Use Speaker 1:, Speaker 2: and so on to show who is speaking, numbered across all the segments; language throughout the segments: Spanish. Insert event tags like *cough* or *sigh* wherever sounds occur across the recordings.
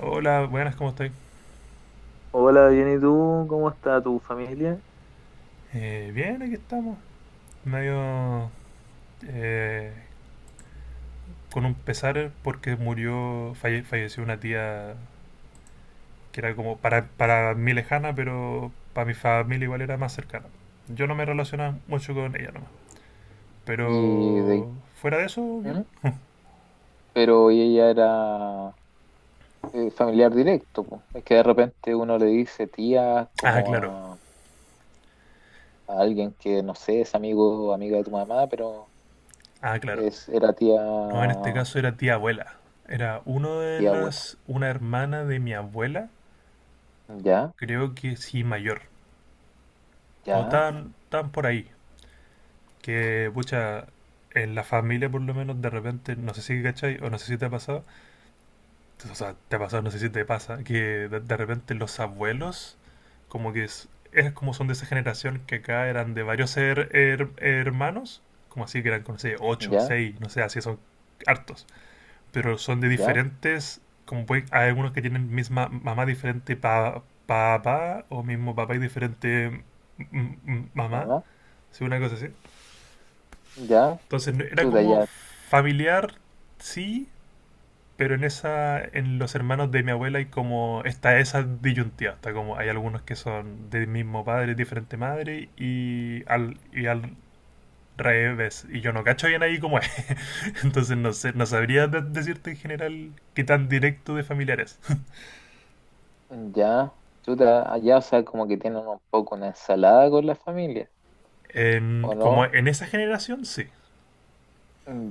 Speaker 1: Hola, buenas, ¿cómo estoy?
Speaker 2: Hola, bien, ¿y tú? ¿Cómo está tu familia?
Speaker 1: Bien, aquí estamos. Medio, eh, con un pesar porque murió, falleció una tía que era como para mí lejana, pero para mi familia igual era más cercana. Yo no me relacionaba mucho con ella nomás.
Speaker 2: Y de,
Speaker 1: Pero fuera de eso, bien.
Speaker 2: ¿Mm? Pero ella era familiar directo, po. Es que de repente uno le dice tía
Speaker 1: Ah,
Speaker 2: como
Speaker 1: claro.
Speaker 2: a alguien que no sé, es amigo o amiga de tu mamá, pero
Speaker 1: Ah, claro.
Speaker 2: es, era tía,
Speaker 1: No, en este caso era tía abuela. Era
Speaker 2: tía abuela.
Speaker 1: una hermana de mi abuela,
Speaker 2: Ya,
Speaker 1: creo que sí mayor. O
Speaker 2: ya,
Speaker 1: tan por ahí. Que, pucha, en la familia por lo menos de repente, no sé si cachai o no sé si te ha pasado, o sea, te ha pasado, no sé si te pasa, que de repente los abuelos, como que es como son de esa generación que acá eran de varios hermanos, como así que eran, no sé, ocho,
Speaker 2: ya,
Speaker 1: seis, no sé, así son hartos, pero son de
Speaker 2: ya,
Speaker 1: diferentes, como pueden, hay algunos que tienen misma mamá diferente papá o mismo papá y diferente mm, mamá,
Speaker 2: mamá,
Speaker 1: si una cosa así.
Speaker 2: ya,
Speaker 1: Entonces era
Speaker 2: chuta,
Speaker 1: como
Speaker 2: ya,
Speaker 1: familiar, sí, pero en en los hermanos de mi abuela hay como está esa disyuntiva, está como hay algunos que son del mismo padre, diferente madre y al revés. Y yo no cacho bien ahí cómo es, *laughs* entonces no sé, no sabría decirte en general qué tan directo de familiares.
Speaker 2: ya, chuta, allá, o sea, como que tienen un poco una ensalada con la familia, ¿o
Speaker 1: Como
Speaker 2: no?
Speaker 1: en esa generación sí,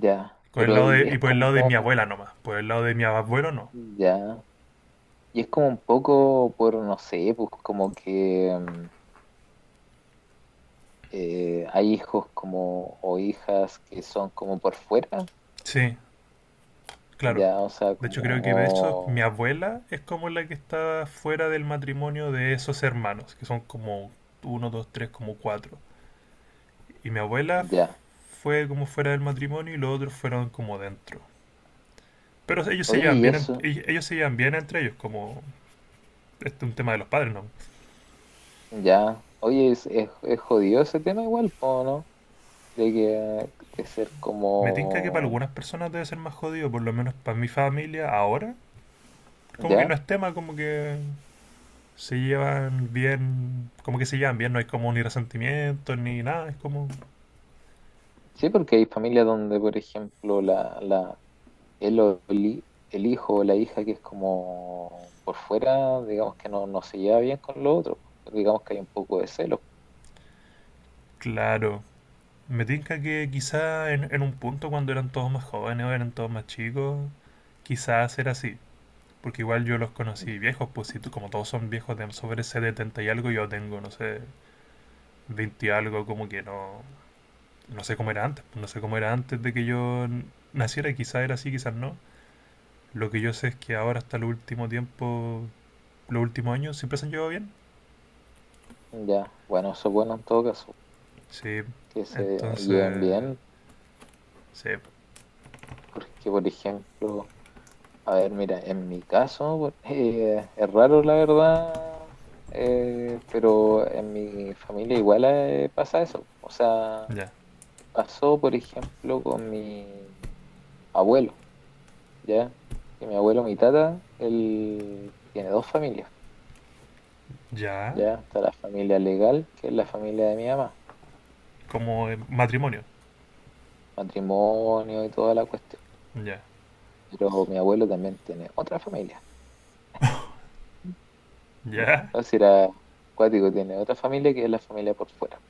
Speaker 2: Ya,
Speaker 1: por el
Speaker 2: pero
Speaker 1: y
Speaker 2: es
Speaker 1: por el
Speaker 2: como
Speaker 1: lado de mi abuela nomás, por el lado de mi abuelo no.
Speaker 2: ya. Y es como un poco por, no sé, pues como que hay hijos como o hijas que son como por fuera,
Speaker 1: Sí, claro.
Speaker 2: ya, o sea,
Speaker 1: De hecho, creo que de hecho mi
Speaker 2: como,
Speaker 1: abuela es como la que está fuera del matrimonio de esos hermanos, que son como uno, dos, tres, como cuatro. Y mi abuela
Speaker 2: ya.
Speaker 1: fue como fuera del matrimonio y los otros fueron como dentro. Pero ellos se
Speaker 2: Oye,
Speaker 1: llevan
Speaker 2: y
Speaker 1: bien,
Speaker 2: eso,
Speaker 1: ellos se llevan bien entre ellos, como este es un tema de los padres, ¿no?
Speaker 2: ya. Oye, es jodido ese tema igual, po, ¿no? De que de ser
Speaker 1: Me tinca que para
Speaker 2: como,
Speaker 1: algunas personas debe ser más jodido, por lo menos para mi familia ahora. Como que no
Speaker 2: ya.
Speaker 1: es tema, como que se llevan bien, como que se llevan bien, no hay como ni resentimiento ni nada, es como.
Speaker 2: Sí, porque hay familias donde, por ejemplo, el, o el, el hijo o la hija que es como por fuera, digamos que no, no se lleva bien con los otros, pues, digamos que hay un poco de celos.
Speaker 1: Claro, me tinca que quizá en un punto cuando eran todos más jóvenes o eran todos más chicos, quizás era así, porque igual yo los conocí viejos, pues si como todos son viejos de sobre ese 70 y algo, yo tengo, no sé, 20 y algo, como que no, no sé cómo era antes, pues, no sé cómo era antes de que yo naciera, quizás era así, quizás no. Lo que yo sé es que ahora hasta el último tiempo, los últimos años, siempre se han llevado bien.
Speaker 2: Ya, bueno, eso es bueno en todo caso,
Speaker 1: Sí,
Speaker 2: que se lleven
Speaker 1: entonces,
Speaker 2: bien,
Speaker 1: sí,
Speaker 2: porque por ejemplo, a ver, mira, en mi caso, por- *laughs* es raro la verdad, pero en mi familia igual pasa eso. O sea,
Speaker 1: ya,
Speaker 2: pasó por ejemplo con mi abuelo. ¿Ya? Que mi abuelo, mi tata, él tiene dos familias,
Speaker 1: ya,
Speaker 2: ¿ya? Está la familia legal, que es la familia de mi mamá,
Speaker 1: como matrimonio,
Speaker 2: matrimonio y toda la cuestión.
Speaker 1: ya.
Speaker 2: Pero mi abuelo también tiene otra familia.
Speaker 1: ¿Ya?
Speaker 2: O sea, era cuático, tiene otra familia que es la familia por fuera.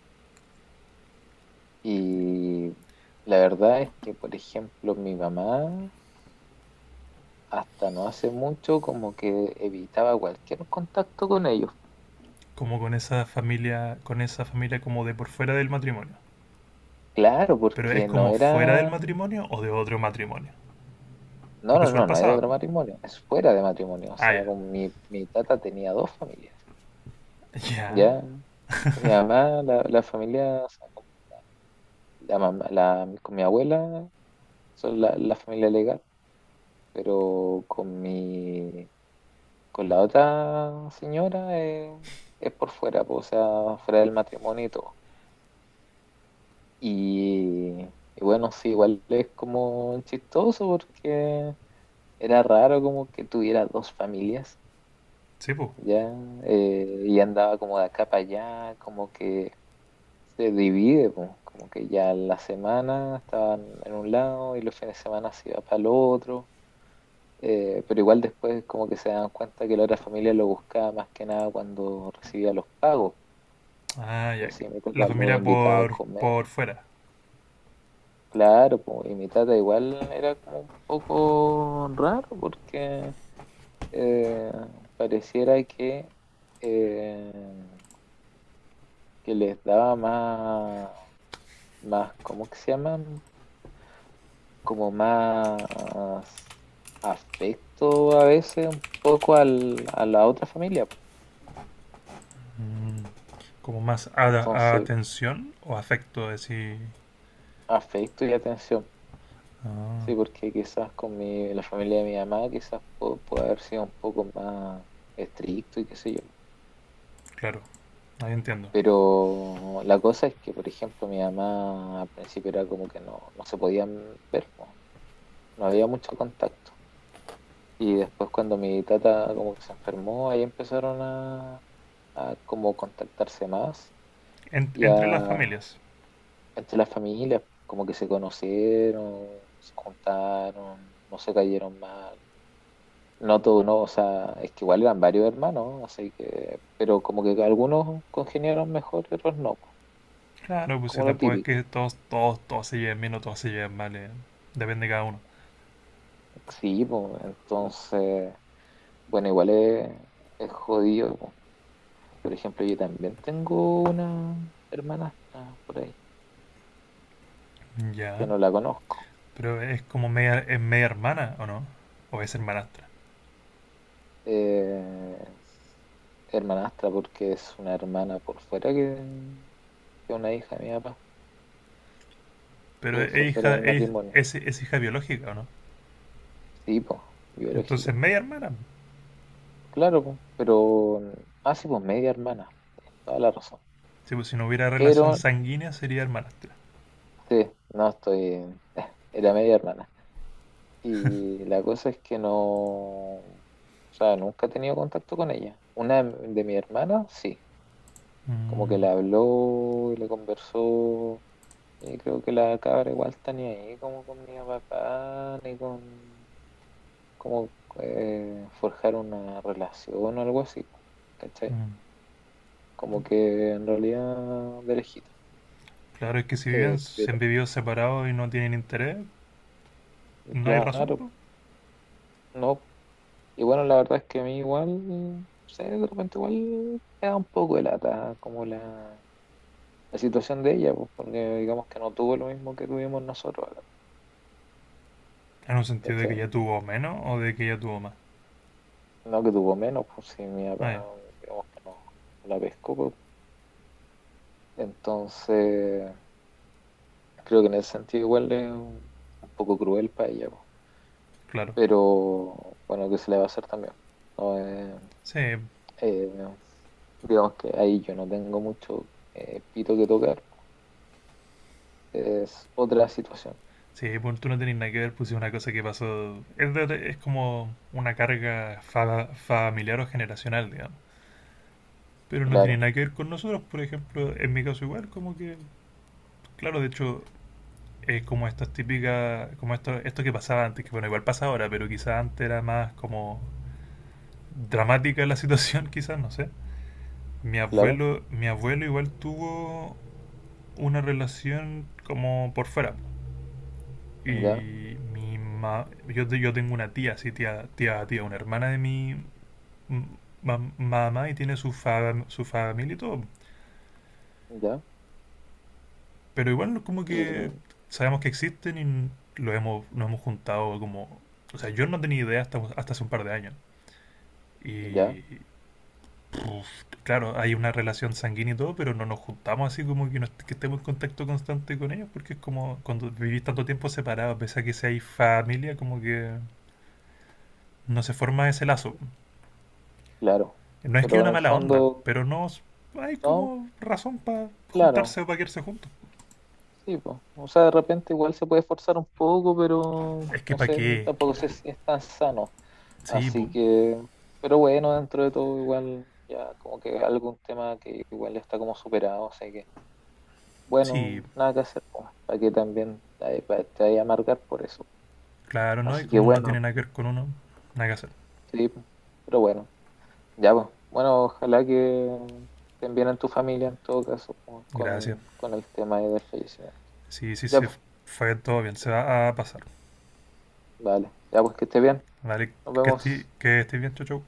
Speaker 2: Y la verdad es que, por ejemplo, mi mamá hasta no hace mucho como que evitaba cualquier contacto con ellos.
Speaker 1: Como con esa familia como de por fuera del matrimonio.
Speaker 2: Claro,
Speaker 1: Pero es
Speaker 2: porque no
Speaker 1: como fuera del
Speaker 2: era
Speaker 1: matrimonio o de otro matrimonio.
Speaker 2: No,
Speaker 1: Porque
Speaker 2: no,
Speaker 1: eso igual
Speaker 2: no, no hay
Speaker 1: pasaba.
Speaker 2: otro matrimonio, es fuera de matrimonio. O
Speaker 1: Ah,
Speaker 2: sea,
Speaker 1: ya.
Speaker 2: con mi, mi tata tenía dos familias.
Speaker 1: Ya.
Speaker 2: Ya, mi mamá, la familia, o sea, con la mamá, la, con mi abuela, son la familia legal, pero con mi, con la otra señora es por fuera, pues, o sea, fuera del matrimonio y todo. Y, y bueno, sí, igual es como chistoso porque era raro como que tuviera dos familias
Speaker 1: Sí, pues.
Speaker 2: ya, y andaba como de acá para allá, como que se divide, po, como que ya la semana estaban en un lado y los fines de semana se iba para el otro, pero igual después como que se dan cuenta que la otra familia lo buscaba más que nada cuando recibía los pagos,
Speaker 1: Ah,
Speaker 2: y
Speaker 1: ya.
Speaker 2: así mi
Speaker 1: La
Speaker 2: tata lo
Speaker 1: familia
Speaker 2: invitaba a comer,
Speaker 1: por fuera.
Speaker 2: claro, po, y mi tata igual era como un poco raro porque eh, pareciera eh, que les daba más más, ¿cómo que se llaman? Como más afecto a veces un poco al, a la otra familia. Po.
Speaker 1: Mm. Como más
Speaker 2: Entonces,
Speaker 1: atención o afecto, decir.
Speaker 2: afecto y atención.
Speaker 1: Ah,
Speaker 2: Sí, porque quizás con mi, la familia de mi mamá quizás pu- puede haber sido un poco más estricto y qué sé yo.
Speaker 1: claro. Ahí entiendo.
Speaker 2: Pero la cosa es que, por ejemplo, mi mamá al principio era como que no, no se podían ver, po. No había mucho contacto. Y después cuando mi tata como que se enfermó, ahí empezaron a cómo contactarse más
Speaker 1: En-
Speaker 2: y
Speaker 1: entre las
Speaker 2: a
Speaker 1: familias.
Speaker 2: entre las familias, como que se conocieron, se juntaron, no se cayeron mal. No todo no, o sea, es que igual eran varios hermanos, así que, pero como que algunos congeniaron mejor y otros no, po,
Speaker 1: Claro, pues si
Speaker 2: como lo
Speaker 1: tampoco es
Speaker 2: típico.
Speaker 1: que todos, todos, todos se lleven bien o todos se lleven mal. Depende de cada uno.
Speaker 2: Sí, pues, entonces, bueno, igual es jodido. Po. Por ejemplo, yo también tengo una hermanastra por ahí, que
Speaker 1: Ya.
Speaker 2: no la conozco.
Speaker 1: Pero es como media, es media hermana, ¿o no? O es hermanastra.
Speaker 2: Eh, hermanastra, porque es una hermana por fuera que una hija de mi papá,
Speaker 1: Pero
Speaker 2: que fue
Speaker 1: es
Speaker 2: fuera
Speaker 1: hija,
Speaker 2: del matrimonio.
Speaker 1: es hija biológica, ¿o no?
Speaker 2: Sí, pues,
Speaker 1: Entonces
Speaker 2: biológica.
Speaker 1: media hermana.
Speaker 2: Claro, pues, pero... Ah, sí, pues media hermana. Tienes Toda la razón.
Speaker 1: Sí, pues, si no hubiera relación
Speaker 2: Pero,
Speaker 1: sanguínea sería hermanastra.
Speaker 2: sí, no estoy... *laughs* Era media hermana. Y la cosa es que no... O sea, nunca he tenido contacto con ella. Una de mi hermana, sí. Como que
Speaker 1: Mm,
Speaker 2: le habló, y le conversó Y creo que la cabra igual está ni ahí como con mi papá, ni con como forjar una relación o algo así, po, ¿cachai?
Speaker 1: mm.
Speaker 2: Como que en realidad de lejito.
Speaker 1: Claro, es que si viven, se
Speaker 2: Pero,
Speaker 1: han vivido separados y no tienen interés, no hay razón,
Speaker 2: claro,
Speaker 1: po.
Speaker 2: no. Y bueno, la verdad es que a mí igual, no sé, de repente igual me da un poco de lata como la situación de ella, pues, porque digamos que no tuvo lo mismo que tuvimos nosotros,
Speaker 1: En un sentido de que ella
Speaker 2: ¿cachai?
Speaker 1: tuvo menos o de que ella tuvo más.
Speaker 2: No que tuvo menos, pues si mi
Speaker 1: Ah, ya,
Speaker 2: papá, digamos que no no la pescó, pues, Entonces, creo que en ese sentido igual es un poco cruel para ella, po.
Speaker 1: claro.
Speaker 2: Pero bueno, ¿qué se le va a hacer también? No,
Speaker 1: Sí,
Speaker 2: eh, digamos que ahí yo no tengo mucho pito que tocar. Es otra situación.
Speaker 1: sí, pues tú no tenés nada que ver, pues si es una cosa que pasó. Es, es como una carga familiar o generacional, digamos. Pero no tiene
Speaker 2: Claro,
Speaker 1: nada que ver con nosotros, por ejemplo, en mi caso igual, como que, claro, de hecho, es como estas típicas, como esto que pasaba antes, que bueno, igual pasa ahora, pero quizás antes era más como dramática la *laughs* situación, quizás, no sé.
Speaker 2: claro,
Speaker 1: Mi abuelo igual tuvo una relación como por fuera.
Speaker 2: ya,
Speaker 1: Y mi ma yo, te- yo tengo una tía, así tía, tía, tía, una hermana de mi m- mamá y tiene su familia y todo.
Speaker 2: ya,
Speaker 1: Pero igual como
Speaker 2: y
Speaker 1: que sabemos que existen y lo hemos, nos hemos juntado como... O sea, yo no tenía idea hasta hace un par de años.
Speaker 2: ya,
Speaker 1: Y puf, claro, hay una relación sanguínea y todo, pero no nos juntamos así como que, que estemos en contacto constante con ellos, porque es como cuando vivís tanto tiempo separado, pese a que seáis familia, como que no se forma ese lazo.
Speaker 2: claro.
Speaker 1: No es que hay
Speaker 2: Pero en
Speaker 1: una
Speaker 2: el
Speaker 1: mala onda,
Speaker 2: fondo,
Speaker 1: pero no s- hay
Speaker 2: no,
Speaker 1: como razón para
Speaker 2: claro,
Speaker 1: juntarse o para quedarse juntos.
Speaker 2: sí, pues. O sea, de repente igual se puede forzar un poco, pero
Speaker 1: Es que
Speaker 2: no
Speaker 1: para
Speaker 2: sé,
Speaker 1: qué,
Speaker 2: tampoco sé si es tan sano.
Speaker 1: sí, po,
Speaker 2: Así que, pero bueno, dentro de todo igual ya como que es algún tema que igual ya está como superado, así que
Speaker 1: sí,
Speaker 2: bueno, nada que hacer, para que también te, pa- te vaya a amargar por eso.
Speaker 1: claro, ¿no? Y
Speaker 2: Así que
Speaker 1: como no tiene
Speaker 2: bueno,
Speaker 1: nada que ver con uno, nada que hacer.
Speaker 2: sí, pero bueno, ya pues. Bueno, ojalá que estén bien en tu familia en todo caso po,
Speaker 1: Gracias.
Speaker 2: con el tema ahí del fallecimiento.
Speaker 1: Sí, sí,
Speaker 2: Ya
Speaker 1: sí.
Speaker 2: pues,
Speaker 1: Fue todo bien. Se va a pasar.
Speaker 2: vale, ya pues que esté bien.
Speaker 1: Vale,
Speaker 2: Nos
Speaker 1: que estés
Speaker 2: vemos.
Speaker 1: que estés bien, chau, chau.